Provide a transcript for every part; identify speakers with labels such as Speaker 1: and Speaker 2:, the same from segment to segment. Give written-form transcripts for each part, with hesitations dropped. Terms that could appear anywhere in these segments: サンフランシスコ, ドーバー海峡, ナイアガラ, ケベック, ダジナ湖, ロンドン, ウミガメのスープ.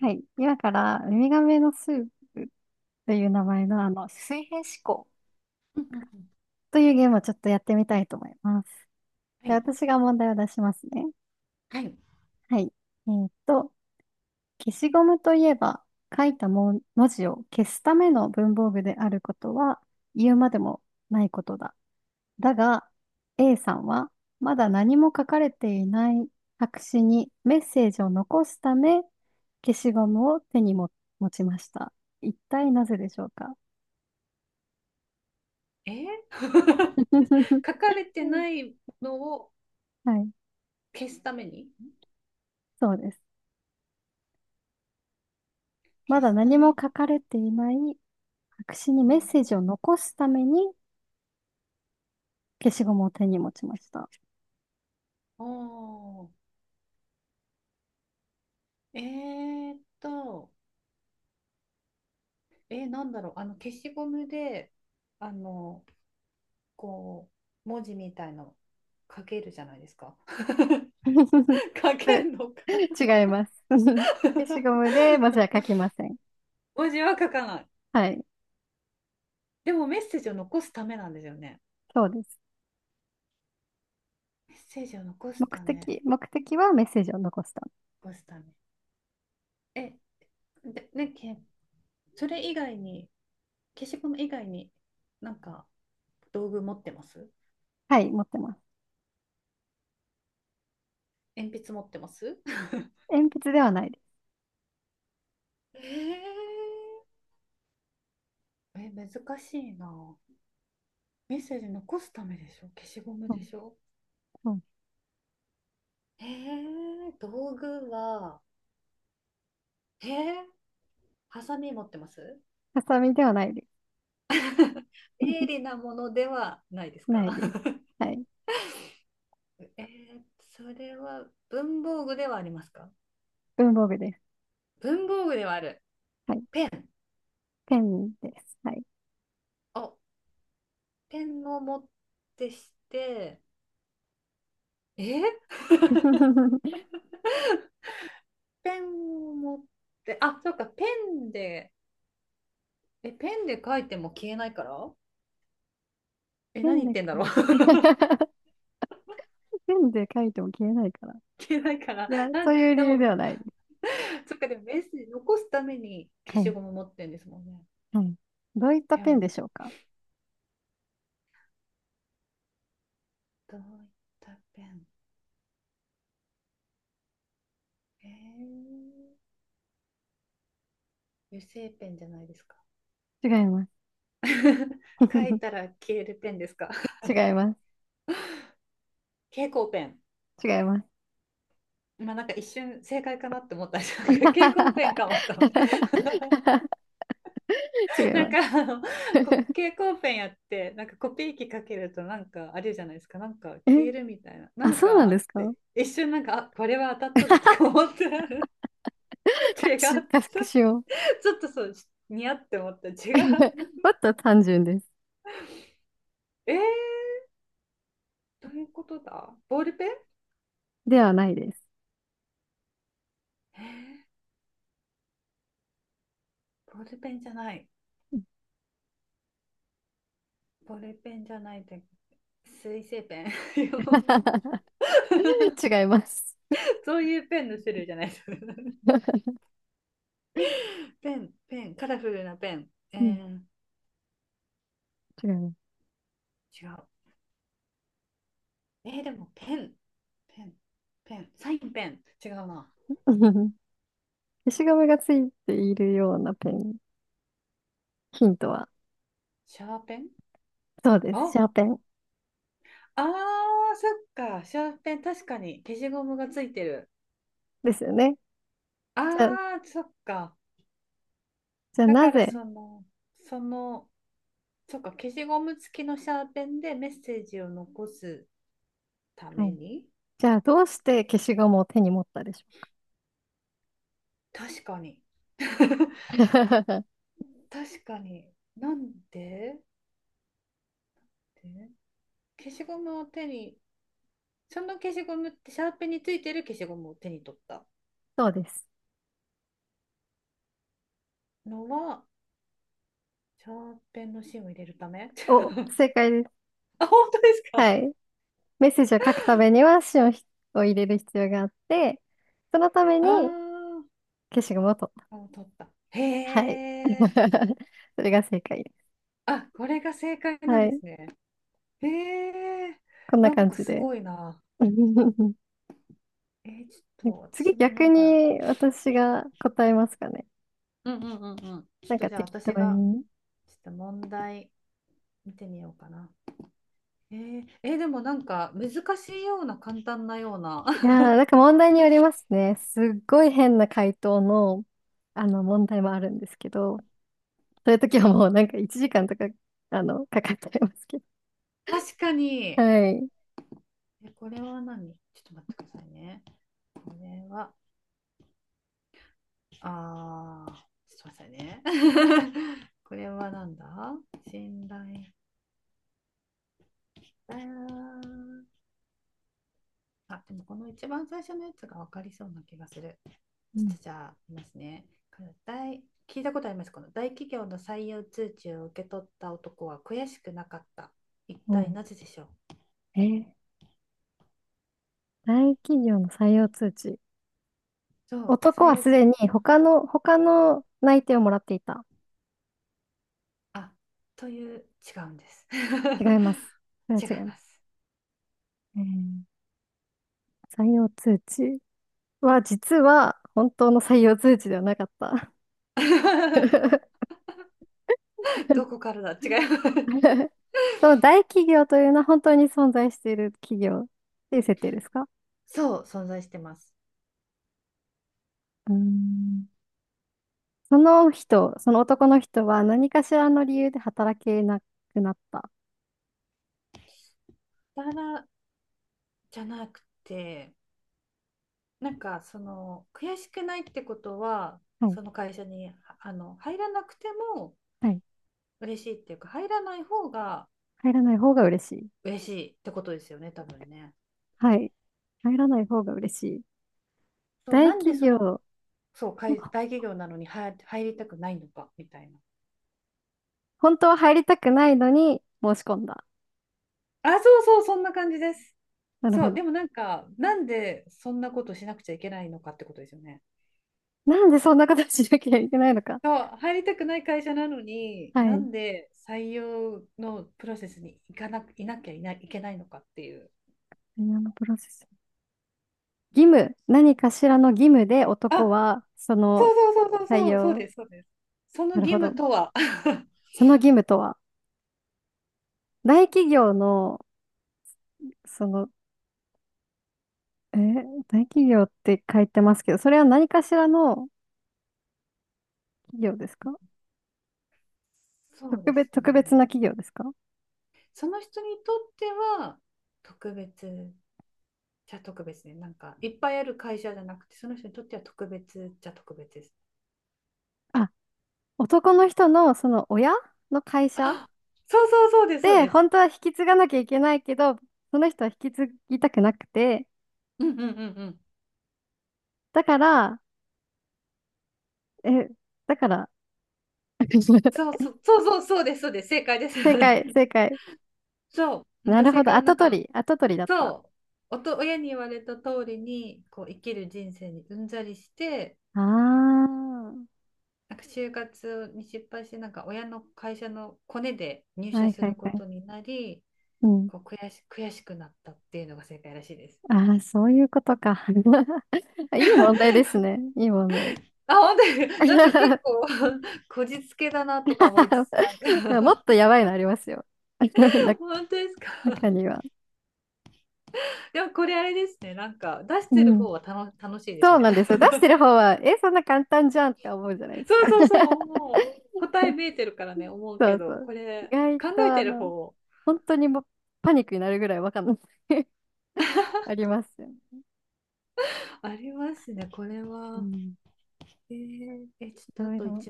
Speaker 1: はい。今から、ウミガメのスープという名前の、水平思考
Speaker 2: うんうんうん。
Speaker 1: というゲームをちょっとやってみたいと思います。
Speaker 2: は
Speaker 1: で、
Speaker 2: い。
Speaker 1: 私が問題を出しますね。
Speaker 2: はい。
Speaker 1: はい。えーっと、消しゴムといえば、書いたも文字を消すための文房具であることは、言うまでもないことだ。だが、A さんは、まだ何も書かれていない白紙にメッセージを残すため、消しゴムを手にも持ちました。一体なぜでしょうか？
Speaker 2: えー。 書かれてないのを
Speaker 1: はい、
Speaker 2: 消すために。
Speaker 1: そうです。ま
Speaker 2: 消
Speaker 1: だ
Speaker 2: すた
Speaker 1: 何も
Speaker 2: め。
Speaker 1: 書かれていない白紙に
Speaker 2: う
Speaker 1: メッセー
Speaker 2: ん。
Speaker 1: ジを残すために消しゴムを手に持ちました。
Speaker 2: おー。えーっと、なんだろう、消しゴムで、あの、こう、文字みたいの書けるじゃないですか。書
Speaker 1: そ
Speaker 2: け
Speaker 1: れ
Speaker 2: んのか。
Speaker 1: 違います。消しゴ ムで文字は書きません。
Speaker 2: 文字は書かない。
Speaker 1: はい、
Speaker 2: でもメッセージを残すためなんですよね。
Speaker 1: そうです。
Speaker 2: メッセージを残す
Speaker 1: 目
Speaker 2: ため、
Speaker 1: 的、目的はメッセージを残すため。
Speaker 2: 残すため。え、で、ね、け、それ以外に、消しゴム以外になんか道具持ってます？
Speaker 1: はい、持ってます。
Speaker 2: 鉛筆持ってます？
Speaker 1: 鉛筆ではないです。
Speaker 2: えー。え、難しいな。メッセージ残すためでしょ？消しゴム
Speaker 1: う
Speaker 2: で
Speaker 1: ん、
Speaker 2: しょ？
Speaker 1: うん。
Speaker 2: えー、道具は、えー、ハサミ持ってます？
Speaker 1: ハサミではないです。
Speaker 2: 鋭利なものではないで す
Speaker 1: ない
Speaker 2: か？
Speaker 1: です。はい。
Speaker 2: えー、それは文房具ではありますか？
Speaker 1: 文房具です。
Speaker 2: 文房具ではある。
Speaker 1: はい。
Speaker 2: ペン。
Speaker 1: ペンです。はい。
Speaker 2: お、ペンを持ってして、えー、ペンを持って、あ、そうか、ペンで、え、ペンで書いても消えないから、え、
Speaker 1: ペ
Speaker 2: 何
Speaker 1: ン
Speaker 2: 言
Speaker 1: だ
Speaker 2: ってんだ
Speaker 1: け
Speaker 2: ろう。
Speaker 1: ペンで書いても消えないから。い
Speaker 2: 消えないから。
Speaker 1: や、
Speaker 2: な
Speaker 1: そう
Speaker 2: ん、
Speaker 1: いう理
Speaker 2: で
Speaker 1: 由で
Speaker 2: も、
Speaker 1: はないです。
Speaker 2: そっか、でもメッセージ残すために消
Speaker 1: は
Speaker 2: し
Speaker 1: い。
Speaker 2: ゴム持ってんですもんね。
Speaker 1: はい。どういった
Speaker 2: 手
Speaker 1: ペン
Speaker 2: 話、
Speaker 1: でしょうか？
Speaker 2: どういったペン？えー、油性ペンじゃないですか？
Speaker 1: 違います。
Speaker 2: 書いた ら消えるペンですか？
Speaker 1: 違います。
Speaker 2: 蛍光ペン。
Speaker 1: 違います。
Speaker 2: まあなんか一瞬正解かなって思ったんですけど、蛍光ペンかもと思って。
Speaker 1: 違 い
Speaker 2: な
Speaker 1: ま
Speaker 2: ん
Speaker 1: す。
Speaker 2: かあの 蛍光ペンやってなんかコピー機かけるとなんかあれじゃないですか、なんか
Speaker 1: え、
Speaker 2: 消えるみたいなな
Speaker 1: あ、
Speaker 2: ん
Speaker 1: そうな
Speaker 2: か
Speaker 1: ん
Speaker 2: あ
Speaker 1: で
Speaker 2: っ
Speaker 1: すか。
Speaker 2: て、
Speaker 1: 隠
Speaker 2: 一瞬なんかあこれは当たったぞとか思って、 違った
Speaker 1: し、隠しを。
Speaker 2: ち、ょっとそう似合って思った違う。
Speaker 1: もっと単純です。
Speaker 2: えー、どういうことだ？ボールペン？
Speaker 1: ではないです。
Speaker 2: えー、ボールペンじゃない？ボールペンじゃないって水性ペン？
Speaker 1: 違います。
Speaker 2: そういうペンの種類じゃないです。 ペン、カラフルなペン？え
Speaker 1: うん、
Speaker 2: ー、
Speaker 1: 違います。
Speaker 2: 違う。えーでもペン、ペン、ペン、サインペン、違うな。
Speaker 1: 消しゴムがついているようなペン。ヒントは、
Speaker 2: シャーペン？
Speaker 1: そうです。シャ
Speaker 2: あ、
Speaker 1: ーペン
Speaker 2: あー、そっか、シャーペン、確かに消しゴムがついてる。
Speaker 1: ですよね。じゃあ、
Speaker 2: あー、そっか。
Speaker 1: じゃあ
Speaker 2: だ
Speaker 1: な
Speaker 2: から
Speaker 1: ぜ、
Speaker 2: その、その、そっか、消しゴム付きのシャーペンでメッセージを残すた
Speaker 1: は
Speaker 2: め
Speaker 1: い。
Speaker 2: に。
Speaker 1: じゃあ、どうして消しゴムを手に持ったでしょ
Speaker 2: 確かに。
Speaker 1: うか？
Speaker 2: 確かに。なんでで消しゴムを手に、その消しゴムって、シャーペンについてる消しゴムを手に取った
Speaker 1: そうです。
Speaker 2: のは、長編の芯を入れるため。
Speaker 1: お、正解です。
Speaker 2: あ、本当ですか？
Speaker 1: はい。メッセージを書くためには芯をひを入れる必要があって、そのために
Speaker 2: あ、
Speaker 1: 消しゴムを取っ
Speaker 2: あ、もう取った。
Speaker 1: た。は
Speaker 2: へ
Speaker 1: い。
Speaker 2: え。
Speaker 1: それが正解で
Speaker 2: あ、これが正解
Speaker 1: す。
Speaker 2: なん
Speaker 1: は
Speaker 2: で
Speaker 1: い。
Speaker 2: すね。へえ。
Speaker 1: こんな
Speaker 2: なん
Speaker 1: 感
Speaker 2: か
Speaker 1: じ
Speaker 2: す
Speaker 1: で。
Speaker 2: ごいな。えーちょっと
Speaker 1: 次、
Speaker 2: 私もな
Speaker 1: 逆
Speaker 2: んか、
Speaker 1: に私が答えますかね。
Speaker 2: うんうんうんうん。ちょ
Speaker 1: なん
Speaker 2: っと
Speaker 1: か
Speaker 2: じゃあ
Speaker 1: 適
Speaker 2: 私
Speaker 1: 当
Speaker 2: が、
Speaker 1: に。い
Speaker 2: ちょっと問題見てみようかな。えー、えーでもなんか難しいような簡単なような。
Speaker 1: やー、なんか問題によりますね。すっごい変な回答の、問題もあるんですけど、そういう時はもうなんか1時間とか、かかっちゃいますけど。
Speaker 2: 確か
Speaker 1: は
Speaker 2: に。
Speaker 1: い。
Speaker 2: え、これは何？ちょっと待ってくださいね。これは。ああ、すみませんね。これはなんだ？信頼。ああ、でもこの一番最初のやつが分かりそうな気がする。
Speaker 1: う
Speaker 2: ちょっ
Speaker 1: ん。
Speaker 2: とじゃあ、いますね。大聞いたことあります？この大企業の採用通知を受け取った男は悔しくなかった。一体
Speaker 1: も
Speaker 2: なぜでしょう？
Speaker 1: うー大企業の採用通知。
Speaker 2: そう、
Speaker 1: 男
Speaker 2: 採
Speaker 1: は
Speaker 2: 用
Speaker 1: す
Speaker 2: 通、
Speaker 1: でに他の、他の内定をもらっていた。
Speaker 2: あ、という、違うんです。
Speaker 1: 違います。それは
Speaker 2: 違い
Speaker 1: 違いま
Speaker 2: ま
Speaker 1: す。
Speaker 2: す。
Speaker 1: えー採用通知は実は本当の採用通知ではなかった。
Speaker 2: どこからだ？違います。
Speaker 1: その大企業というのは本当に存在している企業っていう設定ですか？
Speaker 2: そう、存在してます。
Speaker 1: うーん、その人、その男の人は何かしらの理由で働けなくなった。
Speaker 2: ただからじゃなくて、なんかその悔しくないってことは、
Speaker 1: はい。
Speaker 2: その会社にあの入らなくても
Speaker 1: はい。
Speaker 2: 嬉しいっていうか、入らない方が
Speaker 1: 入らない方が嬉しい。
Speaker 2: 嬉しいってことですよね、多分ね。
Speaker 1: はい。入らない方が嬉しい。
Speaker 2: そう、
Speaker 1: 大
Speaker 2: なんで
Speaker 1: 企
Speaker 2: その、
Speaker 1: 業、
Speaker 2: そう、い大企業なのに入入りたくないのかみたいな。
Speaker 1: 本当は入りたくないのに申し込んだ。
Speaker 2: あ、そうそう、そんな感じです。
Speaker 1: なる
Speaker 2: そ
Speaker 1: ほ
Speaker 2: う、で
Speaker 1: ど。
Speaker 2: もなんか、なんでそんなことしなくちゃいけないのかってことですよね。
Speaker 1: なんでそんなことしなきゃいけないのか。
Speaker 2: そう、入りたくない会社なのに、
Speaker 1: は
Speaker 2: な
Speaker 1: い。
Speaker 2: んで採用のプロセスに行かな、いなきゃいない、いけないのかっていう。
Speaker 1: あのプロセス。義務、何かしらの義務で男
Speaker 2: あ、
Speaker 1: は、そ
Speaker 2: そ
Speaker 1: の
Speaker 2: うそうそうそう
Speaker 1: 採
Speaker 2: そう、そう
Speaker 1: 用、
Speaker 2: です、そうです。その
Speaker 1: なる
Speaker 2: 義
Speaker 1: ほど。
Speaker 2: 務とは。
Speaker 1: その義務とは、大企業の、その大企業って書いてますけど、それは何かしらの企業ですか？
Speaker 2: そう
Speaker 1: 特
Speaker 2: です
Speaker 1: 別、特別
Speaker 2: ね。
Speaker 1: な企業ですか？
Speaker 2: その人にとっては特別じゃ特別ね。なんかいっぱいある会社じゃなくて、その人にとっては特別じゃ特別です。
Speaker 1: あ、男の人のその親の会社
Speaker 2: あ、そうそうそうです、そう
Speaker 1: で、
Speaker 2: です。
Speaker 1: 本当は引き継がなきゃいけないけど、その人は引き継ぎたくなくて、
Speaker 2: うんうんうんうん。
Speaker 1: だから、え、だから、
Speaker 2: そうそうそうそうそうです、そうです。正解です。
Speaker 1: 正解、正解。
Speaker 2: そう。なん
Speaker 1: な
Speaker 2: か
Speaker 1: る
Speaker 2: 正
Speaker 1: ほど、
Speaker 2: 解をな
Speaker 1: 後
Speaker 2: ん
Speaker 1: 取
Speaker 2: か、
Speaker 1: り、後取りだった。
Speaker 2: そう、おと、親に言われた通りにこう生きる人生にうんざりして、
Speaker 1: あー、
Speaker 2: なんか就活に失敗して、なんか親の会社のコネで入
Speaker 1: は
Speaker 2: 社
Speaker 1: い
Speaker 2: す
Speaker 1: は
Speaker 2: る
Speaker 1: い
Speaker 2: こ
Speaker 1: はい。
Speaker 2: とになり、
Speaker 1: うん。
Speaker 2: こう悔し、悔しくなったっていうのが正解らしいです。
Speaker 1: ああ、そういうことか。いい問題ですね。いい問題。
Speaker 2: あ、本当に、なんか結 構 こじつけだなとか思いつつ、なん
Speaker 1: もっ
Speaker 2: か。
Speaker 1: とやばいのありますよ。な
Speaker 2: 本当ですか？
Speaker 1: 中に は。
Speaker 2: でもこれあれですね、なんか出して
Speaker 1: う
Speaker 2: る
Speaker 1: ん。
Speaker 2: 方は楽、楽しいです
Speaker 1: そう
Speaker 2: ね。
Speaker 1: なんですよ。出 してる方は、え、そんな簡単じゃんとか思うじゃないです
Speaker 2: そ
Speaker 1: か。
Speaker 2: うそうそう、もう答え見えてるからね、思う
Speaker 1: そ
Speaker 2: け
Speaker 1: うそ
Speaker 2: ど、
Speaker 1: う。
Speaker 2: こ
Speaker 1: 意
Speaker 2: れ
Speaker 1: 外
Speaker 2: 考え
Speaker 1: と、
Speaker 2: てる方。
Speaker 1: 本当にもうパニックになるぐらいわかんない ありますよね。
Speaker 2: ありますね、これ
Speaker 1: う
Speaker 2: は。
Speaker 1: ん。
Speaker 2: えーえ、ちょっ
Speaker 1: い
Speaker 2: とあ
Speaker 1: ろい
Speaker 2: と一、
Speaker 1: ろ、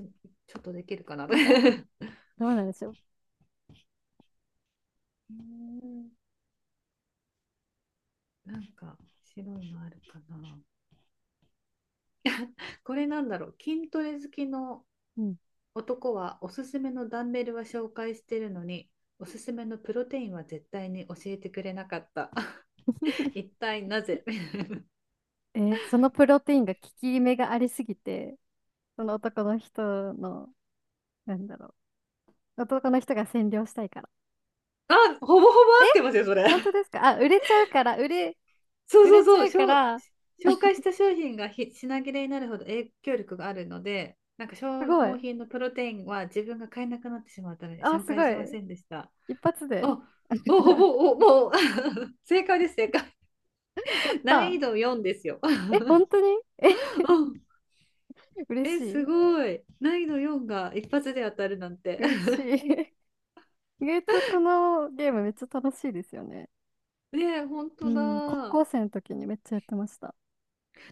Speaker 2: ちょっとできるかな。う
Speaker 1: なんか、
Speaker 2: ー
Speaker 1: どうなんでしょう。
Speaker 2: ん、なんか白いのあるかな。これなんだろう、筋トレ好きの
Speaker 1: うん。
Speaker 2: 男はおすすめのダンベルは紹介してるのに、おすすめのプロテインは絶対に教えてくれなかった。一体なぜ？
Speaker 1: え、そのプロテインが効き目がありすぎて、その男の人の、なんだろう。男の人が占領したいから。
Speaker 2: あ、ほぼほぼ合
Speaker 1: え、
Speaker 2: ってますよ、それ。
Speaker 1: 本当 ですか。あ、売れちゃうから、売れ、
Speaker 2: そ
Speaker 1: 売れ
Speaker 2: う
Speaker 1: ち
Speaker 2: そ
Speaker 1: ゃ
Speaker 2: う
Speaker 1: うか
Speaker 2: そう、
Speaker 1: ら、
Speaker 2: 紹紹介した商品がひ品切れになるほど影響力があるので、なんか
Speaker 1: す
Speaker 2: 消
Speaker 1: ご
Speaker 2: 耗
Speaker 1: い。
Speaker 2: 品のプロテインは自分が買えなくなってしまうために
Speaker 1: あ、
Speaker 2: 紹
Speaker 1: す
Speaker 2: 介
Speaker 1: ご
Speaker 2: しま
Speaker 1: い。
Speaker 2: せんでした。
Speaker 1: 一発で。
Speaker 2: お、お、ほぼ、お、もう 正解です、正解。
Speaker 1: やっ
Speaker 2: 難
Speaker 1: た
Speaker 2: 易度4ですよ。
Speaker 1: ー。え、本当に？え、
Speaker 2: うん。
Speaker 1: 嬉
Speaker 2: え、
Speaker 1: し
Speaker 2: す
Speaker 1: い。
Speaker 2: ごい。難易度4が一発で当たるなんて。
Speaker 1: 嬉し い。意外とこのゲームめっちゃ楽しいですよね。
Speaker 2: ねえ、本
Speaker 1: う
Speaker 2: 当
Speaker 1: ん、高
Speaker 2: だ。
Speaker 1: 校生の時にめっちゃやってました。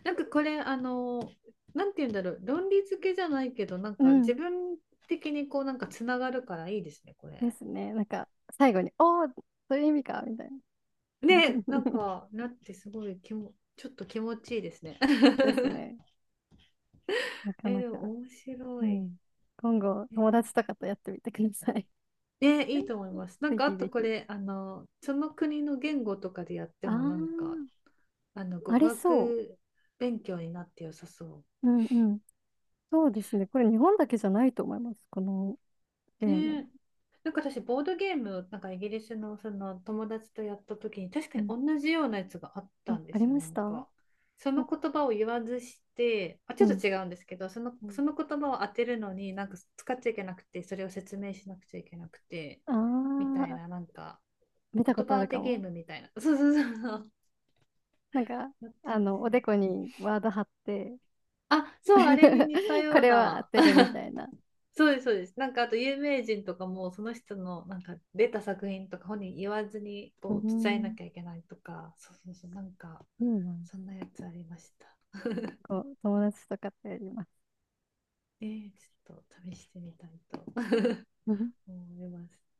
Speaker 2: なんかこれ、あの、なんて言うんだろう、論理付けじゃないけど、なん
Speaker 1: う
Speaker 2: か
Speaker 1: ん。
Speaker 2: 自分的にこう、なんかつながるからいいですね、こ
Speaker 1: で
Speaker 2: れ。
Speaker 1: すね。なんか、最後に、おー、そういう意味か、みたいな。
Speaker 2: ね、なん か、なってすごい気も、ちょっと気持ちいいですね。
Speaker 1: ですね。なか
Speaker 2: え、
Speaker 1: な
Speaker 2: で
Speaker 1: か。
Speaker 2: も面白
Speaker 1: う
Speaker 2: い。
Speaker 1: ん。今後、
Speaker 2: え
Speaker 1: 友
Speaker 2: ー
Speaker 1: 達とかとやってみてください。
Speaker 2: ね、いいと 思います。なん
Speaker 1: ぜ
Speaker 2: か、あ
Speaker 1: ひ
Speaker 2: と
Speaker 1: ぜ
Speaker 2: こ
Speaker 1: ひ。
Speaker 2: れ、あの、その国の言語とかでやって
Speaker 1: あー、
Speaker 2: も、なんか、あの、語
Speaker 1: ありそ
Speaker 2: 学勉強になって良さそう。
Speaker 1: う。うんうん。そうですね。これ日本だけじゃないと思います。このゲーム。
Speaker 2: ねえ。なんか私、ボードゲーム、なんかイギリスのその友達とやった時に、確か
Speaker 1: う
Speaker 2: に
Speaker 1: ん。
Speaker 2: 同じようなやつがあった
Speaker 1: あ、
Speaker 2: んで
Speaker 1: あり
Speaker 2: すよ、
Speaker 1: ま
Speaker 2: な
Speaker 1: し
Speaker 2: ん
Speaker 1: たな。
Speaker 2: か。その言葉を言わずして、あ、
Speaker 1: う
Speaker 2: ちょっ
Speaker 1: ん。
Speaker 2: と違うんですけど、その、
Speaker 1: うん。
Speaker 2: その言葉を当てるのに、なんか使っちゃいけなくて、それを説明しなくちゃいけなくて、
Speaker 1: あ
Speaker 2: みたい
Speaker 1: あ、
Speaker 2: な、なんか、
Speaker 1: 見たこ
Speaker 2: 言
Speaker 1: とあ
Speaker 2: 葉
Speaker 1: る
Speaker 2: 当て
Speaker 1: か
Speaker 2: ゲー
Speaker 1: も。
Speaker 2: ムみたいな。そうそうそうそう。
Speaker 1: なんか、
Speaker 2: なって
Speaker 1: おで
Speaker 2: て。
Speaker 1: こにワード貼って
Speaker 2: あ、そう、あれに似た
Speaker 1: こ
Speaker 2: よう
Speaker 1: れを当
Speaker 2: な、
Speaker 1: てるみたいな。
Speaker 2: そうです、そうです。なんかあと有名人とかもその人のなんか出た作品とか本人言わずに
Speaker 1: う
Speaker 2: こう伝えな
Speaker 1: ん。
Speaker 2: きゃいけないとか、そうそうそう、なんか
Speaker 1: いいな。
Speaker 2: そんなやつありました。
Speaker 1: こう、友達とかとやります。
Speaker 2: えー、ちょっと試してみたいと思います。